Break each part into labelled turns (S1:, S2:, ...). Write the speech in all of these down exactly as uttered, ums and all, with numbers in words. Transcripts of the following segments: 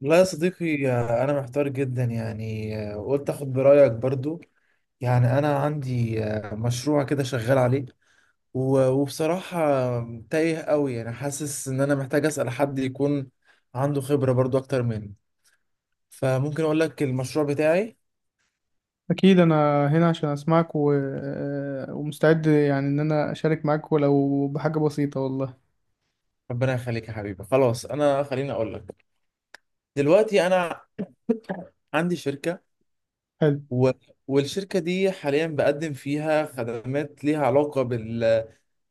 S1: لا يا صديقي، آه، أنا محتار جدا، يعني آه، قلت أخد برأيك برضو. يعني أنا عندي آه، مشروع كده شغال عليه. و- وبصراحة تايه قوي، يعني حاسس إن أنا محتاج أسأل حد يكون عنده خبرة برضو أكتر مني. فممكن أقول لك المشروع بتاعي.
S2: أكيد أنا هنا عشان أسمعك و... آه، ومستعد يعني إن أنا أشارك معاك ولو بحاجة بسيطة والله.
S1: ربنا يخليك يا حبيبي، خلاص أنا خليني أقول لك. دلوقتي أنا عندي شركة.
S2: حلو.
S1: و... والشركة دي حاليا بقدم فيها خدمات ليها علاقة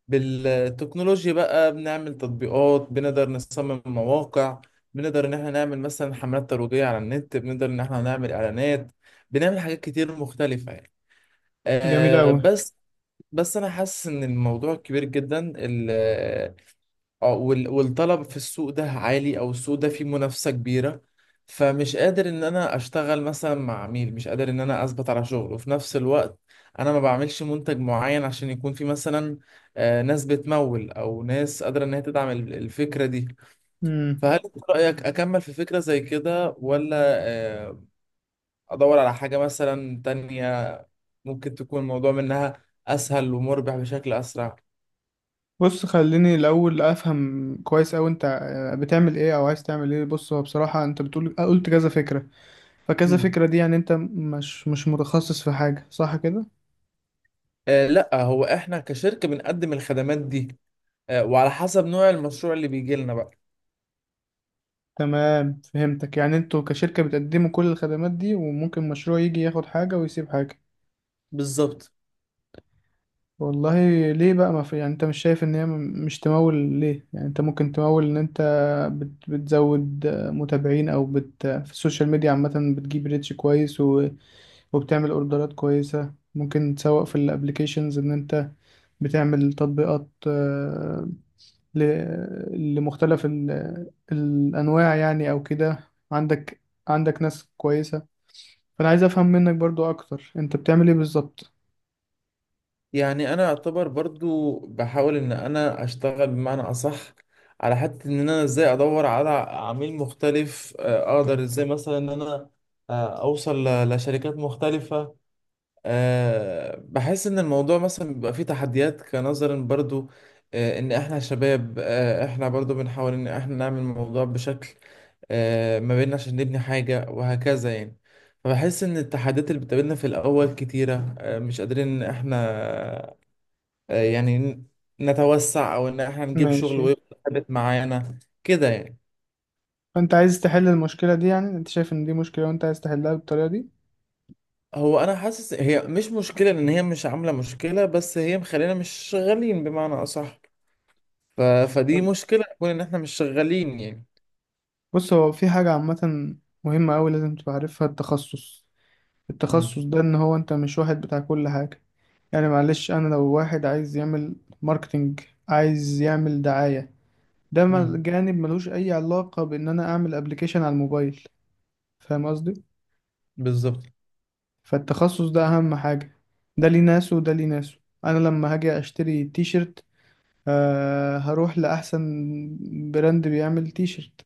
S1: بالتكنولوجيا، بقى بنعمل تطبيقات، بنقدر نصمم مواقع، بنقدر ان احنا نعمل مثلا حملات ترويجية على النت، بنقدر ان احنا نعمل اعلانات، بنعمل حاجات كتير مختلفة يعني.
S2: جميل
S1: آه
S2: أوي.
S1: بس، بس انا حاسس ان الموضوع كبير جدا، ال- اه وال- والطلب في السوق ده عالي، او السوق ده فيه منافسة كبيرة. فمش قادر ان انا اشتغل مثلا مع عميل، مش قادر ان انا اثبت على شغل، وفي نفس الوقت انا ما بعملش منتج معين عشان يكون في مثلا آه، ناس بتمول او ناس قادرة ان هي تدعم ال- الفكرة دي.
S2: مم.
S1: فهل انت رأيك اكمل في فكرة زي كده، ولا آه، ادور على حاجة مثلا تانية ممكن تكون الموضوع منها اسهل ومربح بشكل اسرع؟
S2: بص خليني الأول أفهم كويس أوي أنت آه، بتعمل إيه أو عايز تعمل إيه. بص هو بصراحة أنت بتقول آه، قلت كذا فكرة، فكذا
S1: مم.
S2: فكرة دي يعني أنت مش مش متخصص في حاجة، صح كده؟
S1: آه، لا، هو احنا كشركة بنقدم الخدمات دي، آه، وعلى حسب نوع المشروع اللي بيجي لنا بقى.
S2: تمام، فهمتك، يعني أنتوا كشركة بتقدموا كل الخدمات دي وممكن مشروع يجي ياخد حاجة ويسيب حاجة.
S1: بالظبط.
S2: والله، ليه بقى ما في يعني انت مش شايف ان هي م- مش تمول؟ ليه يعني انت ممكن تمول ان انت بت... بتزود آه، متابعين، او بت... في السوشيال ميديا عامة بتجيب ريتش كويس و... وبتعمل اوردرات كويسة. ممكن تسوق في الابليكيشنز ان انت بتعمل تطبيقات آه، ل... لمختلف ال... الانواع يعني او كده. عندك، عندك ناس كويسة. فانا عايز افهم منك برضو اكتر، انت بتعمل ايه بالظبط؟
S1: يعني انا اعتبر برضو بحاول ان انا اشتغل بمعنى اصح، على حتة ان انا ازاي ادور على عميل مختلف. آه، اقدر ازاي مثلا ان انا آه، اوصل ل- لشركات مختلفة. أه بحس ان الموضوع مثلا بيبقى فيه تحديات، كنظرا برضو أه ان احنا شباب، أه احنا برضو بنحاول ان احنا نعمل الموضوع بشكل أه ما بيننا، عشان نبني حاجة وهكذا يعني. فبحس ان التحديات اللي بتقابلنا في الاول كتيرة، أه مش قادرين ان احنا أه يعني ن- نتوسع او ان احنا نجيب شغل
S2: ماشي.
S1: ويبقى ثابت معانا كده يعني.
S2: فانت عايز تحل المشكله دي؟ يعني انت شايف ان دي مشكله وانت عايز تحلها بالطريقه دي.
S1: هو انا حاسس هي مش مشكلة، ان هي مش عاملة مشكلة، بس هي مخلينا مش شغالين بمعنى اصح. ف... فدي
S2: تمام.
S1: مشكلة تكون إن إحنا مش شغالين يعني.
S2: بص هو في حاجه عامه مهمه قوي لازم تبقى عارفها: التخصص. التخصص
S1: امم
S2: ده ان هو انت مش واحد بتاع كل حاجه. يعني معلش انا لو واحد عايز يعمل ماركتينج، عايز يعمل دعايه، ده مل-
S1: امم
S2: جانب ملوش اي علاقه بان انا اعمل ابلكيشن على الموبايل. فاهم قصدي؟
S1: بالظبط.
S2: فالتخصص ده اهم حاجه. ده ليه ناس وده ليه ناس. انا لما هاجي اشتري تيشرت، آه هروح لأحسن براند بيعمل تيشرت،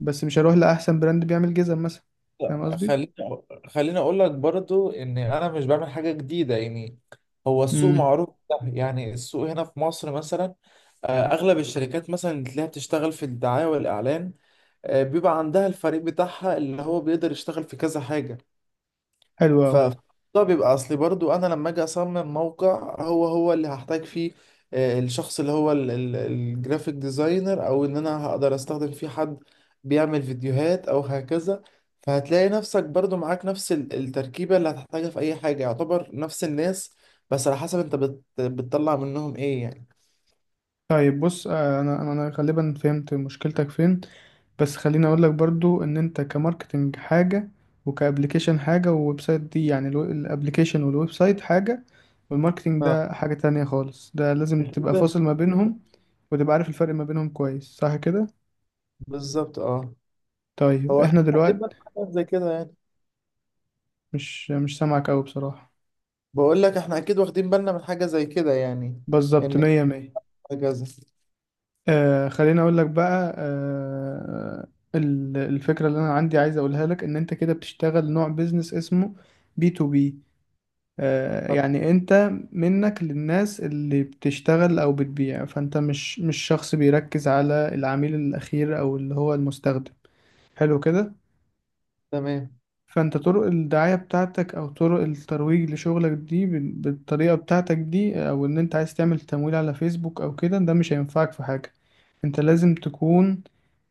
S2: بس مش هروح لأحسن براند بيعمل جزم مثلا. فاهم
S1: لا،
S2: قصدي؟
S1: خليني أقو- خليني أقول لك برضو إن أنا مش بعمل حاجة جديدة يعني. هو السوق
S2: امم.
S1: معروف ده، يعني السوق هنا في مصر مثلا آه، أغلب الشركات مثلا اللي تلاقيها بتشتغل في الدعاية والإعلان، آه، بيبقى عندها الفريق بتاعها اللي هو بيقدر يشتغل في كذا حاجة.
S2: حلو
S1: ف
S2: أوي.
S1: ده بيبقى اصلي برضو، انا لما اجي اصمم موقع، هو هو اللي هحتاج فيه آه، الشخص اللي هو الجرافيك ديزاينر، او ان انا هقدر استخدم فيه حد بيعمل فيديوهات او هكذا. فهتلاقي نفسك برضو معاك نفس ال- التركيبة اللي هتحتاجها في اي حاجة، يعتبر نفس الناس، بس على حسب انت بت... بتطلع منهم ايه يعني.
S2: طيب بص، آه أنا أنا أنا غالبا فهمت مشكلتك فين، بس خليني أقول لك برضو إن أنت كماركتينج حاجة، وكأبليكيشن حاجة، وويب سايت دي يعني، الو- الأبليكيشن والويب سايت حاجة والماركتينج
S1: اه،
S2: ده حاجة تانية خالص. ده لازم
S1: أنت
S2: تبقى
S1: بتقدر-
S2: فاصل ما بينهم وتبقى عارف الفرق ما بينهم كويس، صح كده؟
S1: بالظبط، اه.
S2: طيب
S1: هو اكيد
S2: احنا
S1: واخدين
S2: دلوقتي،
S1: بالنا من حاجة زي كده يعني.
S2: مش مش سامعك أوي بصراحة.
S1: بقول لك احنا اكيد واخدين بالنا من حاجة زي كده يعني.
S2: بالظبط،
S1: ان
S2: مية مية.
S1: هكذا.
S2: آه، خليني أقول لك بقى آه، ال- الفكرة اللي أنا عندي عايز أقولها لك إن أنت كده بتشتغل نوع بيزنس اسمه بي تو بي. آه يعني أنت منك للناس اللي بتشتغل أو بتبيع، فأنت مش مش شخص بيركز على العميل الأخير أو اللي هو المستخدم. حلو كده.
S1: تمام.
S2: فانت طرق الدعاية بتاعتك او طرق الترويج لشغلك دي بال- بالطريقة بتاعتك دي، او ان انت عايز تعمل تمويل على فيسبوك او كده، ده مش هينفعك في حاجة. انت لازم تكون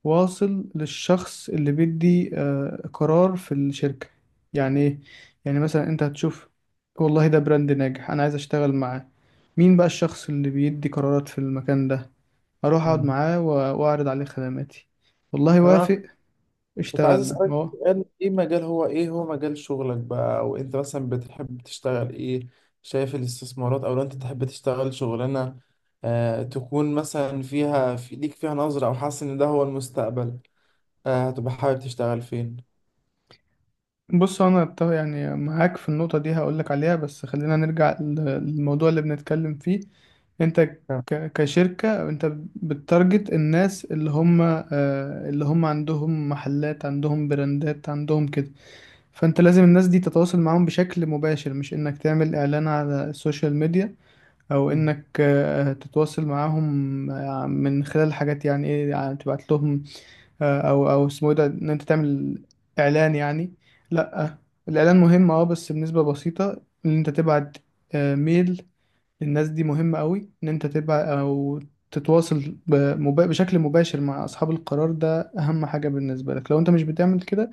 S2: واصل للشخص اللي بيدي آه، قرار في الشركة. يعني ايه؟ يعني مثلا انت هتشوف، والله ده براند ناجح انا عايز اشتغل معاه، مين بقى الشخص اللي بيدي قرارات في المكان ده، اروح اقعد
S1: مم.
S2: معاه و- واعرض عليه خدماتي، والله
S1: طب انا
S2: وافق،
S1: كنت عايز
S2: اشتغلنا. ما
S1: اسالك
S2: هو.
S1: سؤال. ايه مجال، هو ايه هو مجال شغلك بقى، وانت مثلا بتحب تشتغل ايه؟ شايف الاستثمارات؟ او لو انت تحب تشتغل شغلانه آه تكون مثلا فيها، في ليك فيها نظره، او حاسس ان ده هو المستقبل، آه هتبقى حابب تشتغل فين؟
S2: بص انا أت- يعني معاك في النقطه دي، هقولك عليها بس خلينا نرجع ل- للموضوع اللي بنتكلم فيه. انت
S1: تمام.
S2: ك- كشركه انت بتارجت الناس اللي هم آه، اللي هم عندهم محلات، عندهم براندات، عندهم كده. فانت لازم الناس دي تتواصل معاهم بشكل مباشر، مش انك تعمل اعلان على السوشيال ميديا، او
S1: مم.
S2: انك آه، تتواصل معاهم آه، من خلال حاجات يعني، ايه يعني، تبعت لهم آه، او او اسمه إيه ده، ان انت تعمل اعلان يعني. لا، الاعلان مهم اه، بس بنسبه بسيطه. ان انت تبعت آه، ميل للناس دي مهمه قوي. ان انت تبعت او تتواصل بمبا- بشكل مباشر مع اصحاب القرار، ده اهم حاجه بالنسبه لك. لو انت مش بتعمل كده،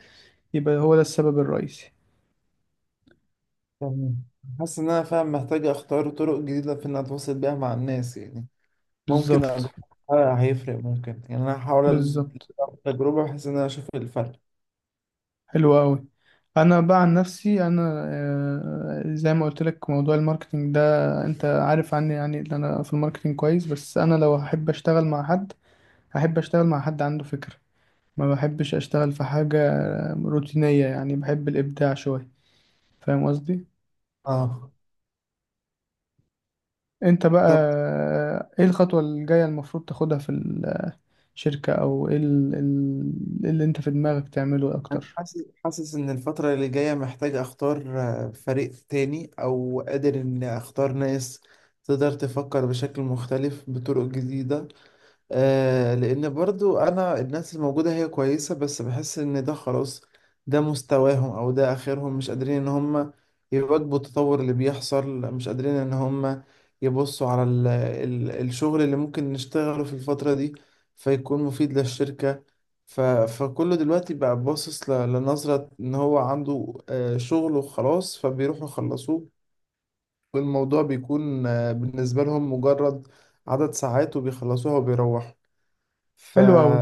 S2: يبقى هو ده السبب الرئيسي.
S1: تمام. حاسس ان انا فاهم، محتاج اختار طرق جديده في ان اتواصل بيها مع الناس يعني. ممكن
S2: بالظبط،
S1: أجرب حاجة هيفرق، ممكن يعني انا هحاول
S2: بالظبط.
S1: التجربه بحيث ان انا اشوف الفرق.
S2: حلو قوي. انا بقى عن نفسي انا، آه، زي ما قلت لك موضوع الماركتينج ده انت عارف عني، يعني ان انا في الماركتينج كويس، بس انا لو هحب اشتغل مع حد، هحب اشتغل مع حد عنده فكرة. ما بحبش اشتغل في حاجة روتينية يعني، بحب الابداع شوية. فاهم قصدي.
S1: اه.
S2: انت بقى
S1: طب
S2: آه، ايه الخطوة الجاية المفروض تاخدها في الشركة، او ايه ال- ال- اللي انت في دماغك تعمله
S1: انا
S2: اكتر؟
S1: حاسس حاسس ان الفتره اللي جايه محتاج اختار آه، فريق تاني، او قادر اني اختار ناس تقدر تفكر بشكل مختلف بطرق جديده. آه لان برضو انا الناس الموجودة هي كويسة، بس بحس ان ده خلاص، ده مستواهم او ده اخرهم، مش قادرين ان هم يواكبوا التطور اللي بيحصل، مش قادرين ان هم يبصوا على ال ال الشغل اللي ممكن نشتغله في الفترة دي فيكون مفيد للشركة. ف فكله دلوقتي بقى باصص ل- لنظرة ان هو عنده آه شغل وخلاص، فبيروحوا يخلصوه، والموضوع بيكون آه بالنسبة لهم مجرد عدد ساعات وبيخلصوها وبيروحوا. ف
S2: حلو قوي.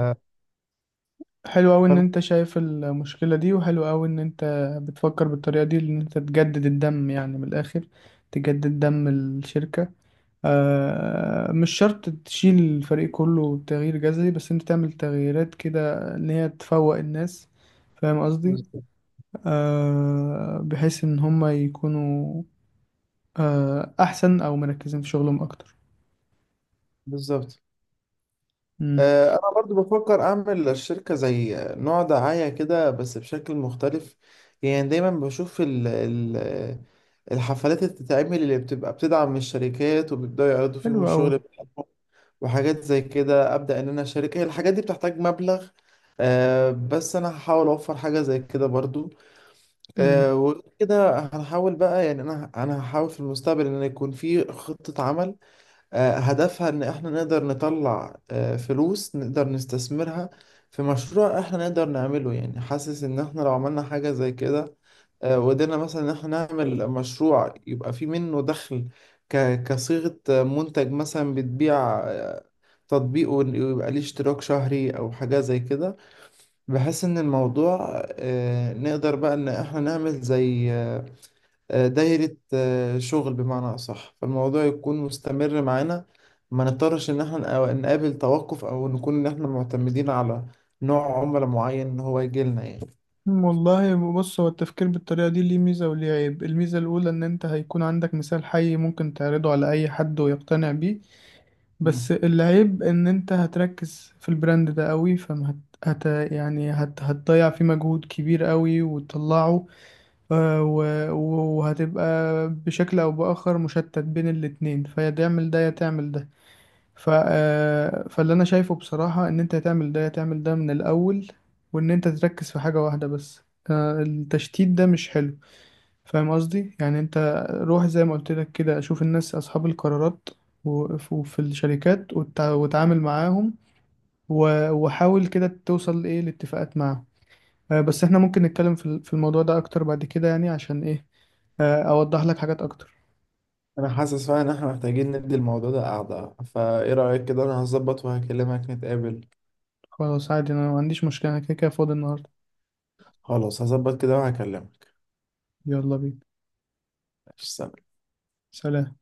S2: حلو أوي إن
S1: فأنا-
S2: أنت شايف المشكلة دي، وحلو أوي إن أنت بتفكر بالطريقة دي، إن أنت تجدد الدم يعني من الآخر، تجدد دم الشركة. آه مش شرط تشيل الفريق كله، تغيير جذري، بس أنت تعمل تغييرات كده إن هي تفوق الناس. فاهم قصدي. آه بحيث إن هما يكونوا آه أحسن، أو مركزين في شغلهم أكتر.
S1: بالظبط.
S2: مم.
S1: آه، انا برضو بفكر اعمل للشركه زي نوع دعايه كده، بس بشكل مختلف. يعني دايما بشوف ال ال الحفلات اللي بتتعمل، اللي بتبقى بتدعم الشركات وبيبداوا يعرضوا
S2: حلو
S1: فيهم الشغل بتاعهم وحاجات زي كده. ابدا ان انا اشارك، هي الحاجات دي بتحتاج مبلغ آه، بس انا هحاول اوفر حاجه زي كده برضو.
S2: أوي.
S1: آه، وكده هنحاول بقى، يعني انا انا هحاول في المستقبل ان يكون في خطه عمل آه، هدفها إن إحنا نقدر نطلع آه، فلوس نقدر نستثمرها في مشروع إحنا نقدر نعمله. يعني حاسس إن إحنا لو عملنا حاجة زي كده آه، وقدرنا مثلا إن إحنا نعمل مشروع يبقى فيه منه دخل، ك- كصيغة آه، منتج مثلا بتبيع، آه، تطبيق ون- ويبقى ليه اشتراك شهري أو حاجة زي كده، بحيث إن الموضوع آه، نقدر بقى إن إحنا نعمل زي آه، آه، دايرة آه، شغل بمعنى أصح، فالموضوع يكون مستمر معانا، ما نضطرش إن احنا نق- نقابل توقف، أو نكون إن احنا معتمدين على نوع عملاء معين إن هو يجي لنا يعني.
S2: والله بص، هو التفكير بالطريقة دي ليه ميزة وليه عيب. الميزة الأولى إن أنت هيكون عندك مثال حي ممكن تعرضه على أي حد ويقتنع بيه.
S1: مم.
S2: بس العيب إن أنت هتركز في البراند ده قوي، فما هت... هت... يعني هت... هتضيع فيه مجهود كبير قوي وتطلعه، آه، و... وهتبقى بشكل أو بآخر مشتت بين الاتنين، فيا تعمل ده يا تعمل ده. ف... آه، فاللي انا شايفه بصراحة ان انت تعمل ده تعمل ده من الاول، وان انت تركز في حاجة واحدة بس. آه، التشتيت ده مش حلو. فاهم قصدي، يعني انت روح زي ما قلت لك كده، اشوف الناس اصحاب القرارات وف- وفي الشركات، وتع- وتعامل معاهم، و- وحاول كده توصل ايه لاتفاقات معاهم. آه، بس احنا ممكن نتكلم في ال- في الموضوع ده اكتر بعد كده يعني، عشان ايه آه، اوضح لك حاجات اكتر.
S1: أنا حاسس فعلا إن احنا محتاجين ندي الموضوع ده قعدة. فإيه رأيك كده؟ أنا هظبط وهكلمك نتقابل.
S2: خلاص، عادي، انا ما عنديش مشكلة، انا كده كده فاضي النهاردة.
S1: خلاص، هظبط كده وهكلمك.
S2: يلا بينا.
S1: سلام.
S2: سلام.